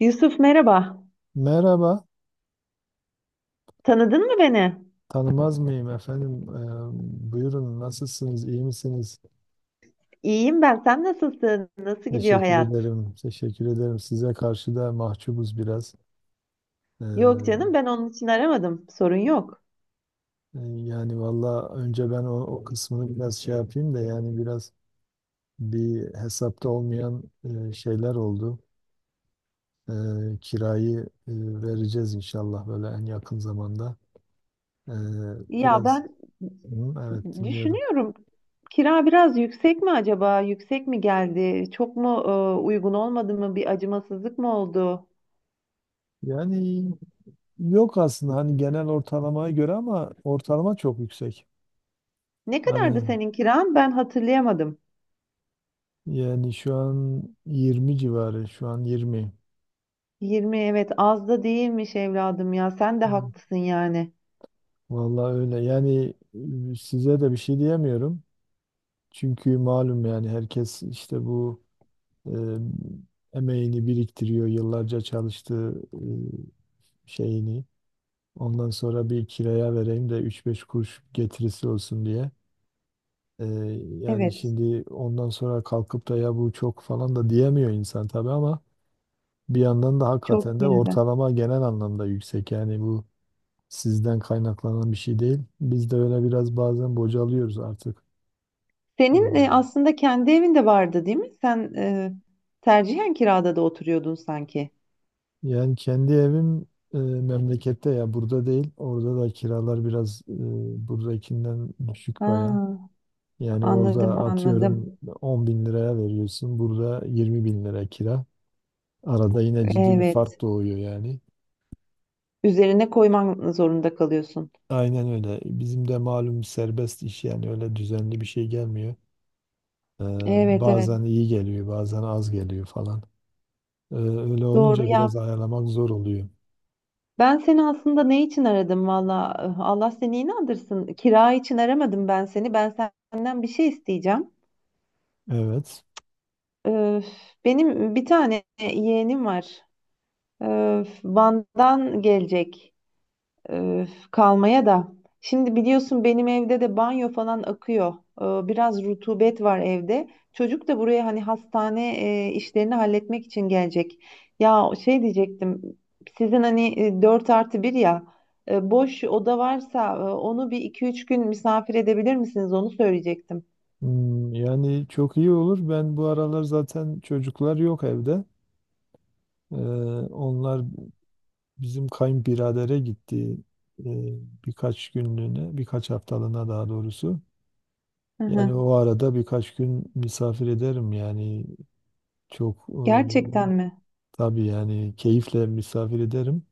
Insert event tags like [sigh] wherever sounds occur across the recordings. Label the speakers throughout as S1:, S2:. S1: Yusuf, merhaba.
S2: Merhaba,
S1: Tanıdın mı beni?
S2: tanımaz [laughs] mıyım efendim? Buyurun, nasılsınız, iyi misiniz?
S1: İyiyim ben. Sen nasılsın? Nasıl gidiyor
S2: Teşekkür
S1: hayat?
S2: ederim, teşekkür ederim. Size karşı da mahcubuz biraz.
S1: Yok
S2: Ee,
S1: canım, ben onun için aramadım. Sorun yok.
S2: yani valla önce ben o kısmını biraz şey yapayım da yani biraz bir hesapta olmayan şeyler oldu. Ee, Kirayı e, vereceğiz inşallah böyle en yakın zamanda. Ee,
S1: Ya
S2: biraz,
S1: ben
S2: Hı, evet dinliyorum.
S1: düşünüyorum. Kira biraz yüksek mi acaba? Yüksek mi geldi? Çok mu uygun olmadı mı? Bir acımasızlık mı oldu?
S2: Yani Yok aslında hani genel ortalamaya göre ama ortalama çok yüksek.
S1: Ne kadardı
S2: Hani
S1: senin kiran? Ben hatırlayamadım.
S2: Yani şu an 20 civarı, şu an 20.
S1: 20, evet, az da değilmiş evladım ya. Sen de
S2: Yani
S1: haklısın yani.
S2: Vallahi öyle. Yani size de bir şey diyemiyorum. Çünkü malum yani herkes işte bu e, emeğini biriktiriyor, yıllarca çalıştığı şeyini. Ondan sonra bir kiraya vereyim de 3-5 kuruş getirisi olsun diye. Ee, Yani
S1: Evet.
S2: şimdi ondan sonra kalkıp da ya bu çok falan da diyemiyor insan tabii ama bir yandan da hakikaten
S1: Çok
S2: de
S1: yine
S2: ortalama genel anlamda yüksek. Yani bu sizden kaynaklanan bir şey değil. Biz de öyle biraz bazen bocalıyoruz artık.
S1: senin
S2: Hmm.
S1: aslında kendi evin de vardı değil mi? Sen tercihen kirada da oturuyordun sanki.
S2: Yani kendi evim memlekette ya, burada değil. Orada da kiralar biraz buradakinden düşük
S1: Ha,
S2: baya. Yani orada
S1: anladım,
S2: atıyorum
S1: anladım.
S2: 10 bin liraya veriyorsun. Burada 20 bin lira kira. Arada yine ciddi bir
S1: Evet.
S2: fark doğuyor yani.
S1: Üzerine koyman zorunda kalıyorsun.
S2: Aynen öyle. Bizim de malum serbest iş yani öyle düzenli bir şey gelmiyor. Ee,
S1: Evet, evet.
S2: Bazen iyi geliyor, bazen az geliyor falan. Öyle
S1: Doğru
S2: olunca
S1: ya.
S2: biraz ayarlamak zor oluyor.
S1: Ben seni aslında ne için aradım valla? Allah seni inandırsın. Kira için aramadım ben seni. Ben senden bir şey isteyeceğim.
S2: Evet.
S1: Öf, benim bir tane yeğenim var. Öf, Van'dan gelecek. Öf, kalmaya da. Şimdi biliyorsun benim evde de banyo falan akıyor. Biraz rutubet var evde. Çocuk da buraya hani hastane işlerini halletmek için gelecek. Ya şey diyecektim. Sizin hani dört artı bir ya boş oda varsa onu bir iki üç gün misafir edebilir misiniz? Onu söyleyecektim.
S2: Hmm, yani çok iyi olur. Ben bu aralar zaten çocuklar yok evde. Ee, onlar bizim kayınbiradere gitti ee, birkaç günlüğüne, birkaç haftalığına daha doğrusu.
S1: Hı
S2: Yani
S1: hı.
S2: o arada birkaç gün misafir ederim yani çok e,
S1: Gerçekten mi?
S2: tabii yani keyifle misafir ederim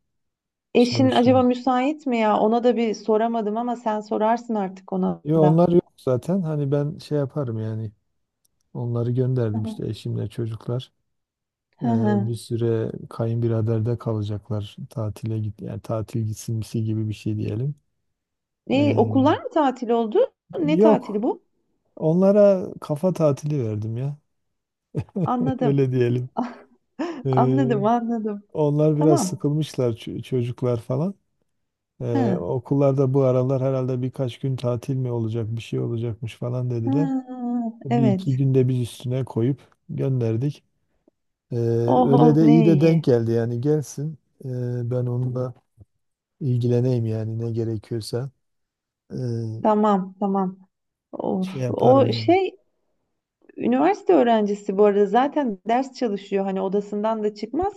S1: Eşin acaba
S2: sonuçta.
S1: müsait mi ya? Ona da bir soramadım ama sen sorarsın artık ona
S2: Yo,
S1: da.
S2: onlar yok zaten. Hani ben şey yaparım yani. Onları
S1: Hı
S2: gönderdim
S1: hı.
S2: işte eşimle çocuklar. Ee,
S1: Hı hı.
S2: Bir süre kayınbiraderde kalacaklar. Tatile git yani tatil gitsinmesi gibi bir şey diyelim.
S1: E,
S2: Ee,
S1: okullar mı tatil oldu? Ne tatili
S2: Yok.
S1: bu?
S2: Onlara kafa tatili verdim ya. [laughs]
S1: Anladım.
S2: Öyle diyelim.
S1: [laughs]
S2: Ee,
S1: Anladım, anladım.
S2: onlar biraz
S1: Tamam.
S2: sıkılmışlar çocuklar falan.
S1: Ha.
S2: Okullarda bu aralar herhalde birkaç gün tatil mi olacak, bir şey olacakmış falan
S1: Ha,
S2: dediler. Bir iki
S1: evet.
S2: günde biz üstüne koyup gönderdik. Ee,
S1: Oh
S2: Öyle
S1: oh,
S2: de iyi
S1: ne
S2: de denk
S1: iyi.
S2: geldi yani gelsin. Ben onunla ilgileneyim yani ne gerekiyorsa. Ee,
S1: Tamam, tamam. Of.
S2: Şey yaparım
S1: O
S2: yani.
S1: şey, üniversite öğrencisi bu arada, zaten ders çalışıyor. Hani odasından da çıkmaz.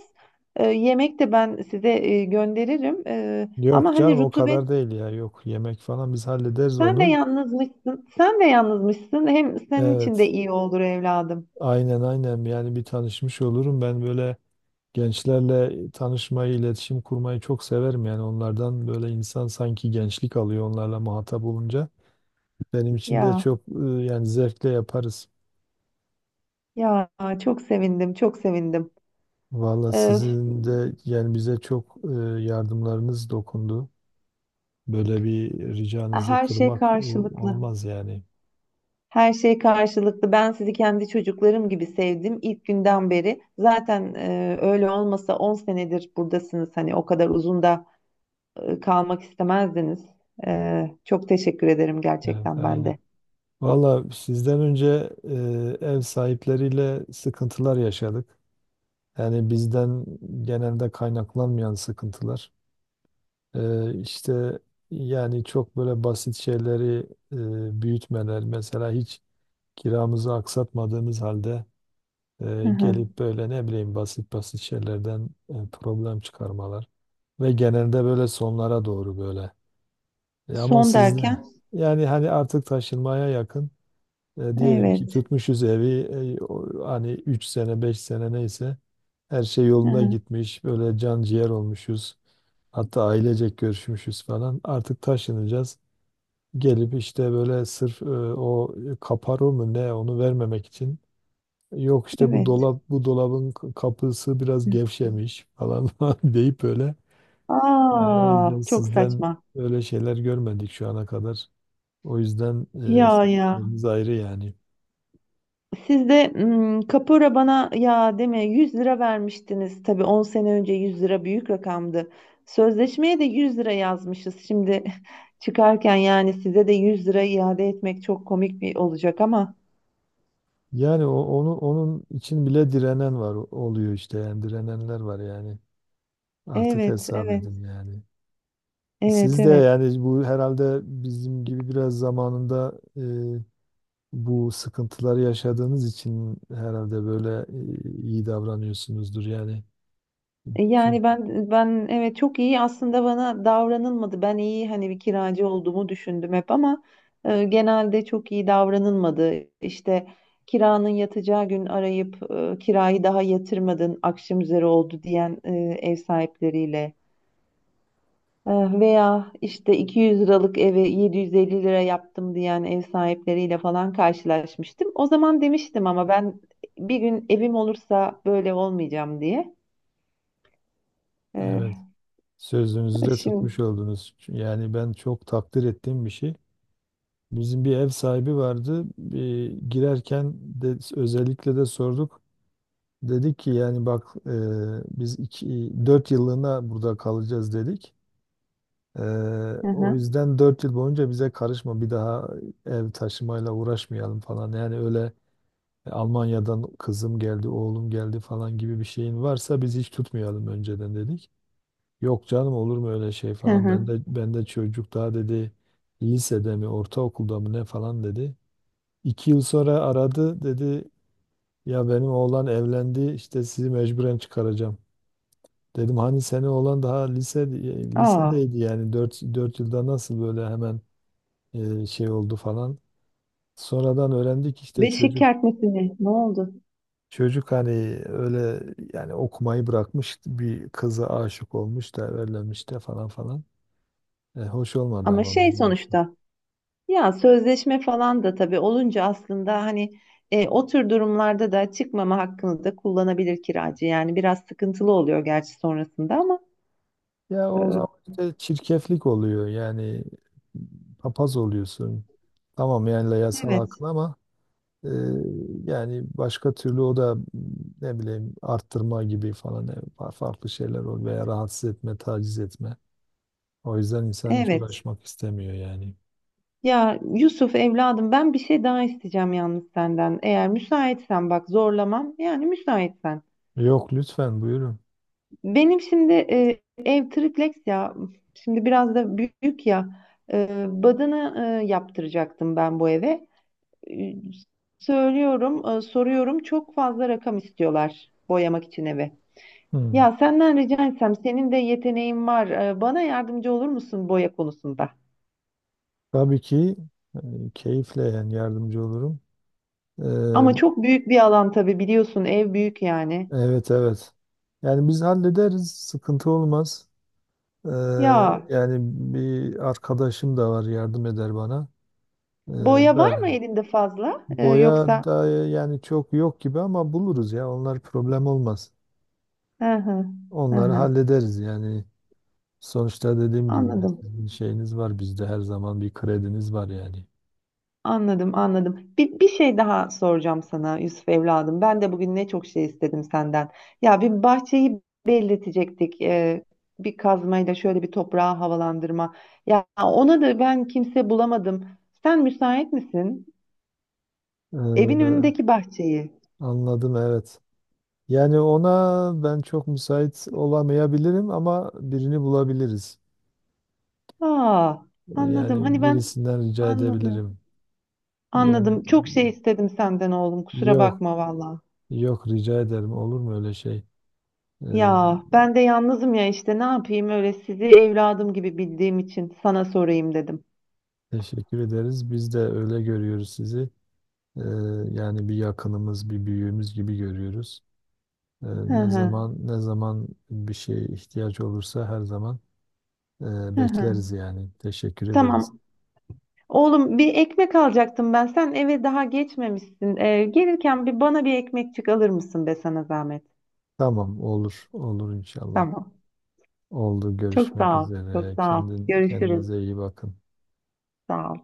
S1: Yemek de ben size gönderirim. Ee,
S2: Yok
S1: ama hani
S2: canım o
S1: rutubet,
S2: kadar değil ya. Yok yemek falan biz hallederiz
S1: sen de
S2: onu.
S1: yalnızmışsın. Sen de yalnızmışsın. Hem senin için de
S2: Evet.
S1: iyi olur evladım.
S2: Aynen aynen yani bir tanışmış olurum. Ben böyle gençlerle tanışmayı, iletişim kurmayı çok severim yani onlardan böyle insan sanki gençlik alıyor onlarla muhatap olunca. Benim için de
S1: Ya.
S2: yani zevkle yaparız.
S1: Ya, çok sevindim, çok sevindim.
S2: Valla
S1: Öf,
S2: sizin de yani bize çok yardımlarınız dokundu. Böyle bir ricanızı
S1: her şey
S2: kırmak
S1: karşılıklı.
S2: olmaz yani.
S1: Her şey karşılıklı. Ben sizi kendi çocuklarım gibi sevdim ilk günden beri. Zaten öyle olmasa 10 senedir buradasınız. Hani o kadar uzun da kalmak istemezdiniz. Çok teşekkür ederim
S2: Evet,
S1: gerçekten ben
S2: aynen.
S1: de.
S2: Valla sizden önce ev sahipleriyle sıkıntılar yaşadık. Yani bizden genelde kaynaklanmayan sıkıntılar. İşte yani çok böyle basit şeyleri büyütmeler. Mesela hiç kiramızı aksatmadığımız halde,
S1: Hı hı.
S2: Gelip böyle ne bileyim basit basit şeylerden problem çıkarmalar ve genelde böyle sonlara doğru böyle. Ama
S1: Son
S2: sizde
S1: derken,
S2: yani hani artık taşınmaya yakın, diyelim ki
S1: evet.
S2: tutmuşuz evi, hani 3 sene 5 sene neyse her şey
S1: Hı
S2: yolunda
S1: hı,
S2: gitmiş böyle can ciğer olmuşuz. Hatta ailecek görüşmüşüz falan. Artık taşınacağız. Gelip işte böyle sırf o kaparo mu ne onu vermemek için, yok işte bu
S1: evet.
S2: dolap bu dolabın kapısı biraz gevşemiş falan [laughs] falan deyip böyle. Yani o
S1: Aa,
S2: yüzden
S1: çok
S2: sizden
S1: saçma.
S2: öyle şeyler görmedik şu ana kadar. O yüzden
S1: Ya
S2: sizin
S1: ya.
S2: yeriniz ayrı yani.
S1: Siz de kapora bana ya deme, 100 lira vermiştiniz. Tabii 10 sene önce 100 lira büyük rakamdı. Sözleşmeye de 100 lira yazmışız. Şimdi [laughs] çıkarken yani size de 100 lira iade etmek çok komik bir olacak ama.
S2: Yani onu onun için bile direnen var oluyor işte yani direnenler var yani. Artık
S1: Evet,
S2: hesap
S1: evet,
S2: edin yani.
S1: evet,
S2: Siz de
S1: evet.
S2: yani bu herhalde bizim gibi biraz zamanında bu sıkıntıları yaşadığınız için herhalde böyle iyi davranıyorsunuzdur yani.
S1: Yani
S2: Çünkü
S1: ben, evet, çok iyi aslında bana davranılmadı. Ben iyi hani bir kiracı olduğumu düşündüm hep ama genelde çok iyi davranılmadı. İşte kiranın yatacağı gün arayıp kirayı daha yatırmadın, akşam üzeri oldu diyen ev sahipleriyle, E, veya işte 200 liralık eve 750 lira yaptım diyen ev sahipleriyle falan karşılaşmıştım. O zaman demiştim ama ben bir gün evim olursa böyle olmayacağım diye.
S2: evet.
S1: E,
S2: Sözünüzü de
S1: şimdi.
S2: tutmuş oldunuz. Yani ben çok takdir ettiğim bir şey. Bizim bir ev sahibi vardı. Bir girerken de özellikle de sorduk. Dedik ki yani bak biz iki, dört yıllığına burada kalacağız dedik. E,
S1: Hı
S2: O
S1: hı.
S2: yüzden 4 yıl boyunca bize karışma bir daha ev taşımayla uğraşmayalım falan. Yani öyle "E, Almanya'dan kızım geldi, oğlum geldi falan gibi bir şeyin varsa biz hiç tutmayalım önceden dedik. Yok canım olur mu öyle şey
S1: Hı
S2: falan. Ben
S1: hı.
S2: de ben de çocuk daha dedi, lisede mi ortaokulda mı ne falan dedi. İki yıl sonra aradı dedi ya benim oğlan evlendi işte sizi mecburen çıkaracağım. Dedim hani senin oğlan daha
S1: Aa,
S2: lisedeydi yani dört yılda nasıl böyle hemen şey oldu falan. Sonradan öğrendik işte
S1: beşik kertmesini ne oldu?
S2: çocuk hani öyle yani okumayı bırakmış bir kıza aşık olmuş da evlenmiş de falan falan. Hoş olmadı
S1: Ama
S2: ama
S1: şey,
S2: bizim açımızdan.
S1: sonuçta ya sözleşme falan da tabii olunca aslında hani o tür durumlarda da çıkmama hakkını da kullanabilir kiracı. Yani biraz sıkıntılı oluyor gerçi sonrasında ama
S2: Ya o zaman
S1: e,
S2: işte çirkeflik oluyor yani papaz oluyorsun. Tamam yani yasal
S1: evet,
S2: hakkın ama e, yani başka türlü o da ne bileyim arttırma gibi falan farklı şeyler oluyor veya rahatsız etme, taciz etme. O yüzden insan hiç
S1: evet.
S2: uğraşmak istemiyor yani.
S1: Ya Yusuf evladım, ben bir şey daha isteyeceğim yalnız senden. Eğer müsaitsen, bak zorlamam, yani müsaitsen.
S2: Yok lütfen buyurun.
S1: Benim şimdi ev triplex ya. Şimdi biraz da büyük ya. Badana yaptıracaktım ben bu eve. E, söylüyorum, soruyorum. Çok fazla rakam istiyorlar boyamak için eve.
S2: Hmm.
S1: Ya senden rica etsem, senin de yeteneğin var. Bana yardımcı olur musun boya konusunda?
S2: Tabii ki e, keyifle yani yardımcı olurum. E,
S1: Ama çok büyük bir alan tabii, biliyorsun ev büyük yani.
S2: evet evet. Yani biz hallederiz, sıkıntı olmaz. Ee,
S1: Ya
S2: Yani bir arkadaşım da var yardım eder bana. Ee,
S1: boya var mı
S2: ben
S1: elinde fazla? E,
S2: boya
S1: yoksa?
S2: da yani çok yok gibi ama buluruz ya. Onlar problem olmaz.
S1: Hı hı, hı
S2: Onları
S1: hı.
S2: hallederiz yani. Sonuçta dediğim gibi ya,
S1: Anladım.
S2: sizin şeyiniz var bizde her zaman bir krediniz var yani.
S1: Anladım, anladım. Bir şey daha soracağım sana Yusuf evladım. Ben de bugün ne çok şey istedim senden. Ya, bir bahçeyi belletecektik. Bir kazmayla şöyle bir toprağı havalandırma. Ya ona da ben kimse bulamadım. Sen müsait misin? Evin
S2: Ee,
S1: önündeki bahçeyi.
S2: Anladım evet. Yani ona ben çok müsait olamayabilirim ama birini bulabiliriz.
S1: Aa, anladım.
S2: Yani
S1: Hani ben
S2: birisinden rica
S1: anladım.
S2: edebilirim. Yani
S1: Anladım. Çok şey istedim senden oğlum. Kusura
S2: Yok,
S1: bakma valla.
S2: yok rica ederim. Olur mu öyle şey? Ee,
S1: Ya ben de yalnızım ya işte, ne yapayım, öyle sizi evladım gibi bildiğim için sana sorayım dedim.
S2: Teşekkür ederiz. Biz de öyle görüyoruz sizi. Ee, Yani bir yakınımız, bir büyüğümüz gibi görüyoruz. Ee,
S1: Hı
S2: Ne
S1: hı,
S2: zaman ne zaman bir şeye ihtiyaç olursa her zaman
S1: hı hı.
S2: bekleriz yani. Teşekkür ederiz.
S1: Tamam. Oğlum, bir ekmek alacaktım ben. Sen eve daha geçmemişsin. Gelirken bir bana bir ekmekçik alır mısın, be sana zahmet?
S2: Tamam, olur, olur inşallah.
S1: Tamam.
S2: Oldu.
S1: Çok
S2: Görüşmek
S1: sağ ol. Çok
S2: üzere.
S1: sağ ol.
S2: Kendin
S1: Görüşürüz.
S2: kendinize iyi bakın.
S1: Sağ ol.